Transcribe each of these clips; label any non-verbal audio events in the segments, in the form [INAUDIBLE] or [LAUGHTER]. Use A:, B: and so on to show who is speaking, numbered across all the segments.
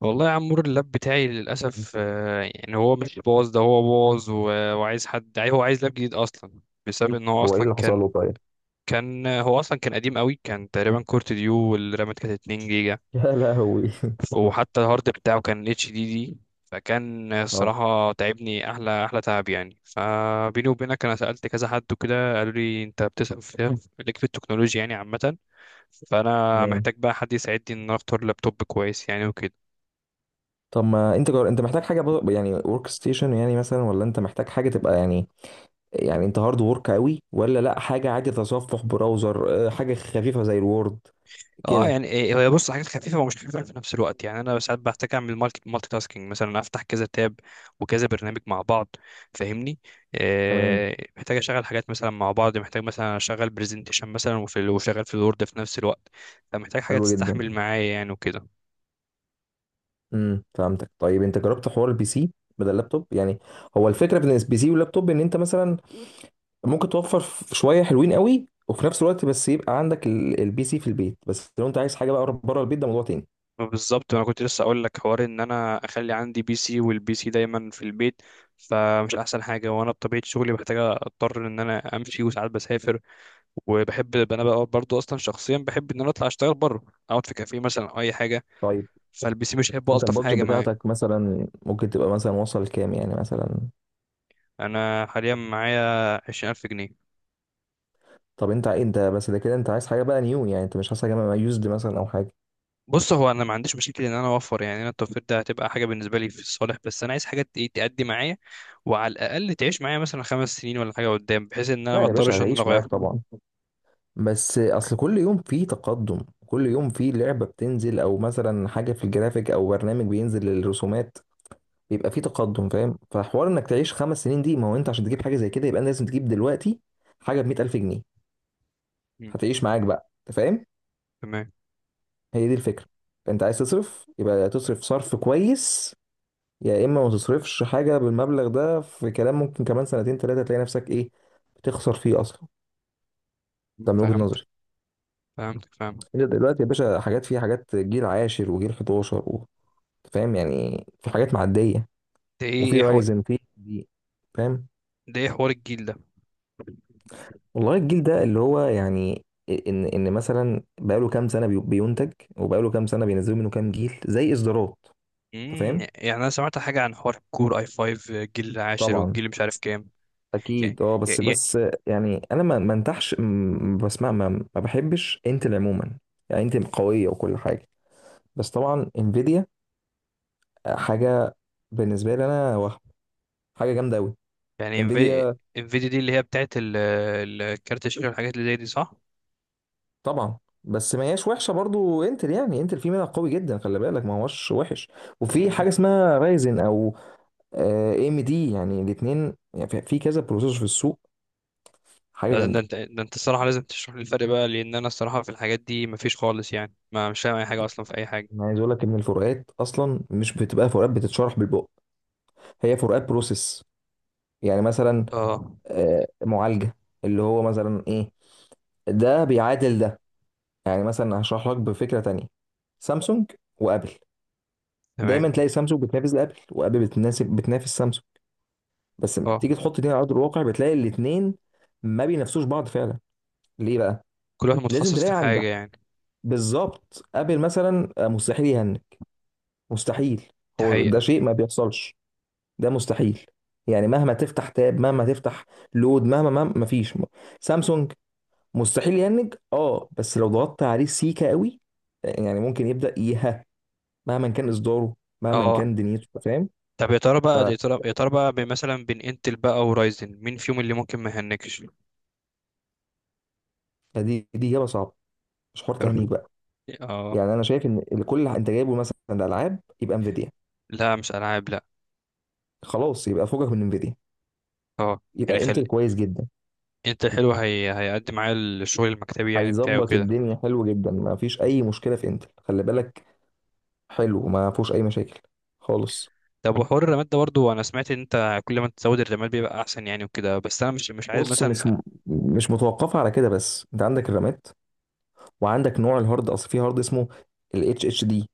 A: والله يا عمور، اللاب بتاعي للأسف يعني هو مش باظ، ده هو باظ وعايز حد هو عايز لاب جديد أصلا، بسبب إن هو
B: هو ايه
A: أصلا
B: اللي حصل
A: كان.
B: له؟ طيب.
A: هو أصلا كان قديم قوي، كان تقريبا كورت ديو، والرامات كانت 2 جيجا،
B: يا لهوي.
A: وحتى الهارد بتاعه كان اتش دي دي. فكان
B: اه،
A: الصراحة تعبني أحلى تعب يعني. فبيني وبينك، أنا سألت كذا حد وكده، قالوا لي أنت بتسأل في ليك في التكنولوجيا يعني عامة. فأنا
B: تمام.
A: محتاج بقى حد يساعدني إن أنا أختار لابتوب كويس يعني وكده.
B: طب ما انت انت محتاج حاجه يعني ورك ستيشن يعني مثلا، ولا انت محتاج حاجه تبقى يعني، يعني انت هارد ورك قوي؟ ولا لا، حاجه عادي، تصفح براوزر، حاجه خفيفه زي الوورد
A: اه
B: كده.
A: يعني إيه، هي بص، حاجات خفيفه ومش خفيفه في نفس الوقت. يعني انا ساعات بحتاج اعمل مالتي تاسكينج، مثلا افتح كذا تاب وكذا برنامج مع بعض، فاهمني؟
B: تمام،
A: آه، محتاج اشغل حاجات مثلا مع بعض، محتاج مثلا اشغل برزنتيشن مثلا وشغال في الوورد في نفس الوقت. فمحتاج حاجه
B: حلو جدا.
A: تستحمل معايا يعني وكده.
B: فهمتك. طيب انت جربت حوار البي سي بدل اللابتوب يعني؟ هو الفكره بين البي سي واللابتوب ان انت مثلا ممكن توفر شويه حلوين قوي، وفي نفس الوقت بس يبقى عندك البي سي في البيت، بس لو انت عايز حاجه بقى بره البيت ده موضوع تاني.
A: بالظبط، انا كنت لسه اقول لك حوار ان انا اخلي عندي بي سي، والبي سي دايما في البيت، فمش احسن حاجه. وانا بطبيعه شغلي محتاج، اضطر ان انا امشي وساعات بسافر. وبحب انا بقى برضو، اصلا شخصيا بحب ان انا اطلع اشتغل بره، اقعد في كافيه مثلا او اي حاجه. فالبي سي مش هيبقى
B: انت
A: الطف
B: البادجت
A: حاجه معايا.
B: بتاعتك مثلا ممكن تبقى مثلا وصل كام يعني مثلا؟
A: انا حاليا معايا 20000 جنيه.
B: طب انت انت بس ده كده انت عايز حاجه بقى نيو يعني، انت مش عايز حاجه يوزد مثلا او حاجه؟
A: بص، هو انا ما عنديش مشكله ان انا اوفر، يعني انا التوفير ده هتبقى حاجه بالنسبه لي في الصالح، بس انا عايز حاجه تأدي معايا، وعلى الاقل تعيش معايا مثلا خمس سنين ولا حاجه قدام، بحيث ان انا
B: لا
A: ما
B: يا باشا،
A: اضطرش ان انا
B: هتعيش
A: اغير.
B: معاك طبعا، بس اصل كل يوم فيه تقدم. كل يوم فيه لعبه بتنزل، او مثلا حاجه في الجرافيك، او برنامج بينزل للرسومات. بيبقى فيه تقدم، فاهم؟ فحوار انك تعيش خمس سنين دي، ما هو انت عشان تجيب حاجه زي كده يبقى انت لازم تجيب دلوقتي حاجه ب 100,000 جنيه.
A: مم.
B: هتعيش معاك بقى، انت فاهم.
A: تمام.
B: هي دي الفكره. انت عايز تصرف يبقى تصرف صرف كويس، يا اما ما تصرفش حاجه بالمبلغ ده في كلام، ممكن كمان سنتين ثلاثه تلاقي نفسك ايه، بتخسر فيه اصلا. ده من وجهه
A: فهمت
B: نظري.
A: فهمت فهمت.
B: انت دلوقتي يا باشا حاجات فيها حاجات جيل عاشر، وجيل 11 فاهم؟ يعني في حاجات معديه،
A: ده ايه
B: وفي
A: إيه
B: رايزن في دي، فاهم؟
A: ده ايه حوار الجيل ده؟
B: والله الجيل ده اللي هو يعني ان مثلا بقاله كام سنه بينتج، وبقاله كام سنه بينزلوا منه كام جيل زي اصدارات. انت
A: مم.
B: فاهم؟
A: يعني انا سمعت حاجه عن حوار كور اي 5، الجيل العاشر
B: طبعا،
A: والجيل مش عارف كام يعني.
B: اكيد. اه بس بس، يعني انا ما بسمع ما بحبش انتل عموما. يعني انتل قويه وكل حاجه، بس طبعا انفيديا حاجه بالنسبه لي انا، وهم حاجه جامده قوي.
A: يعني
B: انفيديا
A: انفيديا دي اللي هي بتاعت الكارت الشاشه والحاجات اللي زي دي، صح؟
B: طبعا. بس ما هياش وحشه برضو انتل، يعني انتل في منها قوي جدا، خلي بالك، ما هوش وحش. وفي
A: مم.
B: حاجه اسمها رايزن او ام دي، يعني الاثنين يعني في في كذا بروسيسور في السوق، حاجه
A: لا، ده ده
B: جامده.
A: انت ده انت الصراحه لازم تشرح لي الفرق بقى، لان انا الصراحه في الحاجات دي مفيش خالص يعني، ما مش فاهم اي حاجه اصلا في اي حاجه.
B: انا عايز اقول لك ان الفروقات اصلا مش بتبقى فروقات بتتشرح بالبق، هي فروقات بروسيس يعني، مثلا
A: اه.
B: معالجة. اللي هو مثلا ايه، ده بيعادل ده. يعني مثلا هشرح لك بفكرة تانية، سامسونج وابل.
A: تمام.
B: دايما تلاقي سامسونج بتنافس ابل، وابل بتناسب بتنافس سامسونج، بس لما
A: اه،
B: تيجي تحط دي على ارض الواقع بتلاقي الاتنين ما بينافسوش بعض فعلا. ليه بقى؟
A: كل واحد
B: لازم
A: متخصص
B: تلاقي
A: في
B: عند،
A: حاجه يعني.
B: بالظبط. ابل مثلا مستحيل يهنج، مستحيل.
A: دي
B: هو ده
A: حقيقه.
B: شيء ما بيحصلش، ده مستحيل. يعني مهما تفتح تاب، مهما تفتح لود، مهما مفيش. سامسونج مستحيل يهنج، اه، بس لو ضغطت عليه سيكا قوي يعني ممكن يبدا يها، مهما كان اصداره، مهما
A: اه.
B: كان دنيته، فاهم؟
A: طب يا ترى
B: ف-
A: بقى، يا ترى بقى مثلا بين انتل بقى ورايزن، مين فيهم اللي ممكن ما يهنكش؟ يا
B: فدي دي اجابه صعبه، مش حوار تهنيج
A: رب.
B: بقى.
A: اه.
B: يعني انا شايف ان كل اللي انت جايبه مثلا العاب يبقى انفيديا.
A: لا، مش العاب، لا.
B: خلاص، يبقى فوقك من انفيديا،
A: اه، يعني
B: يبقى
A: خلي.
B: انتل كويس جدا.
A: انتل حلو، هيقدم معايا الشغل المكتبي يعني بتاعه
B: هيظبط
A: كده.
B: الدنيا حلو جدا، ما فيش اي مشكله في انتل، خلي بالك، حلو ما فيهوش اي مشاكل خالص.
A: طب وحوار الرماد ده برضه، انا سمعت ان انت كل ما تزود الرماد بيبقى احسن يعني وكده، بس انا مش عايز
B: بص مش
A: مثلا.
B: م... مش متوقفه على كده بس، انت عندك الرامات، وعندك نوع الهارد، اصل في هارد اسمه ال HDD،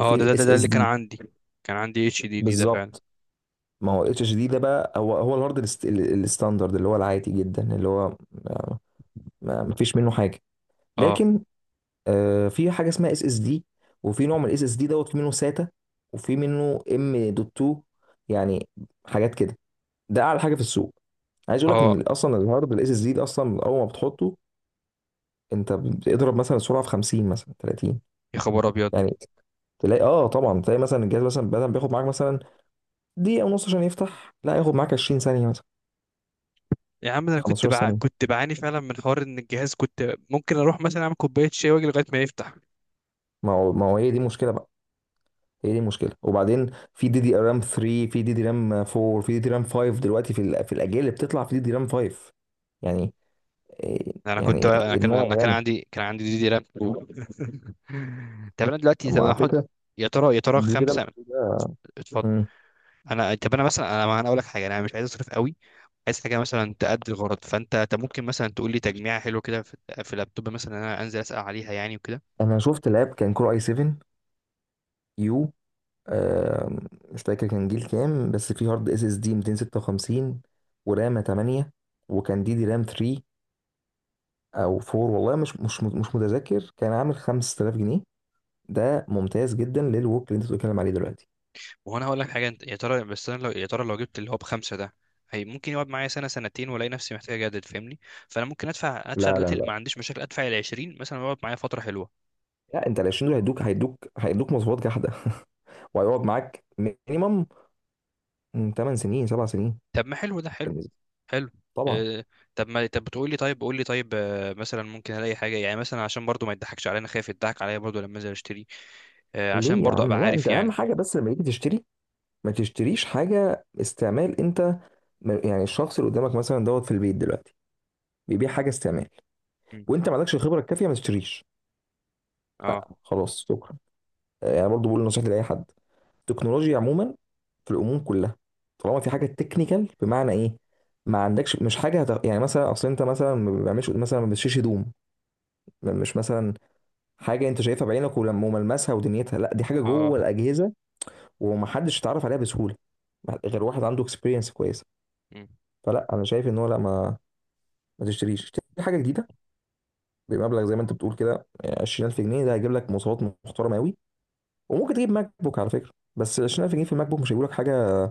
A: اه، ده ده ده,
B: الاس
A: ده
B: اس
A: اللي كان
B: دي.
A: عندي، كان عندي اتش دي دي ده فعلا.
B: بالظبط، ما هو اتش دي ده بقى هو هو الهارد الستاندرد اللي هو العادي جدا، اللي هو ما فيش منه حاجه.
A: اه.
B: لكن في حاجه اسمها اس اس دي، وفي نوع من الاس اس دي دوت، في منه ساتا، وفي منه ام دوت 2، يعني حاجات كده. ده اعلى حاجه في السوق. عايز اقول لك
A: اه.
B: ان اصلا الهارد الاس اس دي ده، اصلا اول ما بتحطه انت بتضرب مثلا سرعه في 50 مثلا 30.
A: يا خبر ابيض.
B: يعني تلاقي، اه طبعا، تلاقي مثلا الجهاز مثلا بدل ما بياخد معاك مثلا دقيقه ونص عشان يفتح، لا ياخد معاك 20 ثانيه،
A: يا عم ده انا كنت
B: 15 ثانية.
A: كنت بعاني فعلا من حوار ان الجهاز كنت ممكن اروح مثلا اعمل كوبايه شاي واجي لغايه ما يفتح.
B: ما هو هي دي المشكلة بقى. هي دي المشكلة. وبعدين في دي دي رام 3، في دي دي رام 4، في دي دي رام 5 دلوقتي، في الأجيال اللي بتطلع في دي دي رام 5 يعني.
A: انا كنت
B: يعني
A: انا كان
B: النوع
A: انا كان
B: الرام.
A: عندي كان عندي دي دي رام [LAUGHS] طب انا دلوقتي،
B: طب
A: طب
B: ما
A: انا
B: على
A: احط.
B: فكرة
A: يا ترى، يا ترى
B: دي دي رام
A: خمسه؟
B: ده.
A: اتفضل.
B: مم.
A: انا، طب انا مثلا، انا اقول لك حاجه، انا مش عايز اصرف قوي، عايز حاجه مثلا تأدي الغرض. فانت ممكن مثلا تقول لي تجميعه حلوه كده في في اللابتوب مثلا انا انزل اسال عليها يعني وكده.
B: أنا شفت لاب كان كور اي 7 يو، آم، مش فاكر كان جيل كام، بس في هارد اس اس دي 256، ورامة 8، وكان دي دي رام 3 او 4، والله مش متذكر، كان عامل 5,000 جنيه. ده ممتاز جدا للوك اللي انت بتتكلم عليه دلوقتي.
A: وهنا هقول لك حاجه، انت يا ترى، بس انا لو يا ترى لو جبت اللي هو بخمسه ده، هي ممكن يقعد معايا سنه سنتين والاقي نفسي محتاج اجدد، فاهمني؟ فانا ممكن ادفع
B: لا لا
A: دلوقتي، ما
B: لا،
A: عنديش مشاكل، ادفع ال 20 مثلا يقعد معايا فتره حلوه.
B: لا، انت ال 20 دول هيدوك مواصفات جحده [LAUGHS] وهيقعد معاك مينيمم 8 سنين، 7 سنين
A: طب ما حلو، ده حلو.
B: بالنسبه،
A: حلو.
B: طبعا.
A: إيه، طب ما طب بتقول لي طيب، قول لي طيب. مثلا ممكن الاقي حاجه يعني مثلا، عشان برضو ما يضحكش علينا، خايف يضحك عليا برضو لما انزل اشتري. عشان
B: ليه يا
A: برضو
B: عم؟
A: ابقى
B: لا، انت
A: عارف
B: اهم
A: يعني.
B: حاجه، بس لما تيجي تشتري ما تشتريش حاجه استعمال. انت يعني الشخص اللي قدامك مثلا دوت في البيت دلوقتي بيبيع حاجه استعمال،
A: مم.
B: وانت ما عندكش الخبره الكافيه، ما تشتريش.
A: اه.
B: خلاص، شكرا. انا برضو بقول نصيحتي لاي حد: التكنولوجيا عموما في الامور كلها، طالما في حاجه تكنيكال. بمعنى ايه؟ ما عندكش، مش حاجه هت... يعني مثلا اصل انت مثلا ما بيعملش، مثلا ما بتشيش هدوم، مش مثلا حاجه انت شايفها بعينك ولما وملمسها ودنيتها، لا دي حاجه جوه
A: اه.
B: الاجهزه، ومحدش يتعرف عليها بسهوله غير واحد عنده اكسبيرينس كويسه. فلا، انا شايف ان هو لا، ما تشتريش، اشتري حاجه جديده بمبلغ زي ما انت بتقول كده، 20,000 جنيه ده هيجيب لك مواصفات محترمه قوي. وممكن تجيب ماك بوك على فكره، بس 20,000 جنيه في الماك بوك مش هيجيب لك حاجه،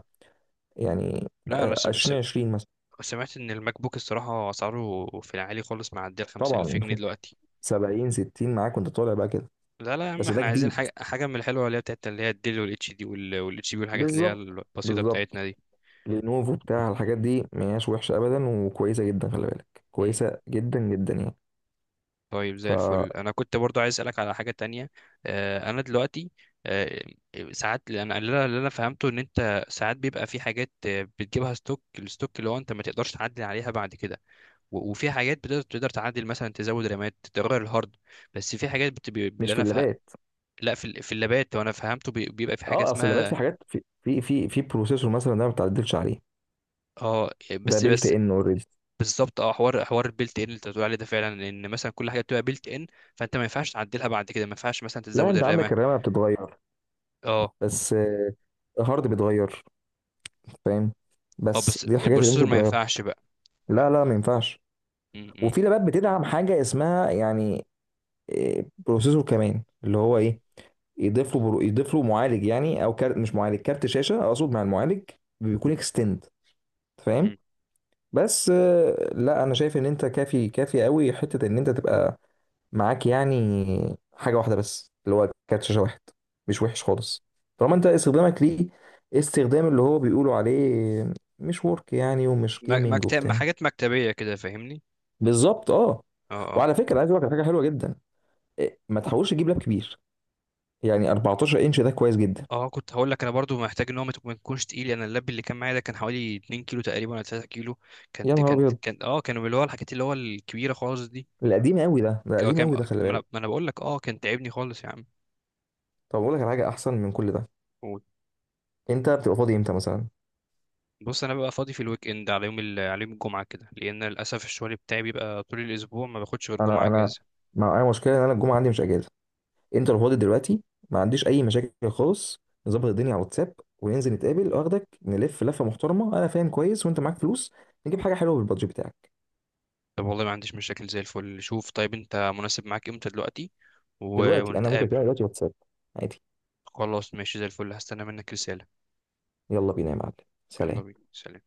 B: يعني
A: لا انا
B: 2020 مثلا.
A: سمعت ان الماك بوك الصراحه اسعاره في العالي خالص، معديه ال 50000 الف
B: طبعا
A: جنيه دلوقتي.
B: [LAUGHS] 70، 60 معاك وانت طالع بقى كده.
A: لا لا يا عم،
B: بس ده
A: احنا عايزين
B: جديد،
A: حاجه من الحلوه اللي هي بتاعت اللي هي الديل والاتش دي والاتش بي، والحاجات اللي هي
B: بالظبط،
A: البسيطه
B: بالظبط.
A: بتاعتنا دي.
B: لينوفو بتاع الحاجات دي ما هياش وحشه ابدا، وكويسه جدا، خلي بالك،
A: مم.
B: كويسه جدا جدا يعني.
A: طيب زي الفل.
B: فمش،
A: انا كنت برضو عايز اسالك على حاجه تانية. انا دلوقتي، آه، ساعات اللي أنا فهمته ان انت ساعات بيبقى في حاجات، بتجيبها ستوك، الستوك اللي هو انت ما تقدرش تعدل عليها بعد كده. وفي حاجات بتقدر تعدل، مثلا تزود رامات، تغير الهارد. بس في حاجات اللي
B: في
A: انا
B: اللابات.
A: لا في في اللابات، وانا فهمته بيبقى في حاجه
B: اه اصل اللابات في
A: اسمها.
B: حاجات، في بروسيسور مثلا ده ما بتعدلش عليه،
A: اه، يعني
B: ده
A: بس
B: بيلت
A: بس
B: ان اوريدي.
A: بالظبط، اه، حوار البيلت ان اللي انت بتقول عليه ده فعلا، ان مثلا كل حاجه بتبقى بيلت ان، فانت ما ينفعش تعدلها بعد كده، ما ينفعش مثلا
B: لا،
A: تزود
B: انت عندك
A: الرامه.
B: الرامه بتتغير،
A: اه.
B: بس الهارد بيتغير، فاهم؟
A: اه
B: بس
A: بس
B: دي الحاجات اللي
A: البروسيسور
B: ممكن
A: ما
B: تتغير.
A: ينفعش بقى.
B: لا لا، ما ينفعش.
A: م- م-
B: وفي لابات بتدعم حاجه اسمها يعني بروسيسور كمان، اللي هو ايه، يضيف له معالج يعني، او كارت، مش معالج، كارت شاشه اقصد، مع المعالج بيكون اكستند، فاهم؟
A: م.
B: بس لا انا شايف ان انت كافي قوي حته ان انت تبقى معاك يعني حاجه واحده بس اللي هو كارت شاشه واحد، مش وحش خالص، طالما انت استخدامك ليه استخدام اللي هو بيقولوا عليه مش ورك يعني، ومش جيمنج
A: مكتب،
B: وبتاع.
A: حاجات مكتبيه كده، فاهمني؟
B: بالظبط، اه.
A: اه.
B: وعلى فكره عايز اقول لك على حاجه حلوه جدا، ما تحاولش تجيب لاب كبير، يعني 14 انش ده كويس جدا.
A: اه كنت هقول لك، انا برضو محتاج ان هو ما ما يكونش تقيل. انا اللاب اللي كان معايا ده كان حوالي 2 كيلو تقريبا، ولا 3 كيلو.
B: يا
A: كانت
B: نهار
A: كانت
B: ابيض،
A: كان اه كانوا اللي هو الحاجات اللي هو الكبيره خالص دي.
B: القديم قوي ده، ده
A: هو
B: قديم
A: كان
B: قوي
A: ما
B: ده، خلي بالك.
A: انا، ما أنا بقول لك، اه كان تعبني خالص يا عم.
B: طب اقول لك على حاجه احسن من كل ده.
A: قول.
B: انت بتبقى فاضي امتى مثلا؟
A: بص انا ببقى فاضي في الويك اند، على يوم على يوم الجمعه كده، لان للاسف الشغل بتاعي بيبقى طول الاسبوع، ما باخدش غير جمعه
B: انا انا
A: اجازه.
B: معايا مشكله ان انا الجمعه عندي مش اجازه، انت لو فاضي دلوقتي ما عنديش اي مشاكل خالص، نظبط الدنيا على الواتساب وننزل نتقابل، واخدك نلف لفه محترمه، انا فاهم كويس، وانت معاك فلوس نجيب حاجه حلوه بالبادجت بتاعك.
A: طب والله ما عنديش مشاكل، زي الفل. شوف طيب، انت مناسب معاك امتى دلوقتي،
B: دلوقتي انا ممكن،
A: ونتقابل؟
B: كده دلوقتي واتساب عادي.
A: خلاص، ماشي، زي الفل، هستنى منك رساله.
B: يلا بينا يا معلم،
A: يلا
B: سلام.
A: بينا، سلام.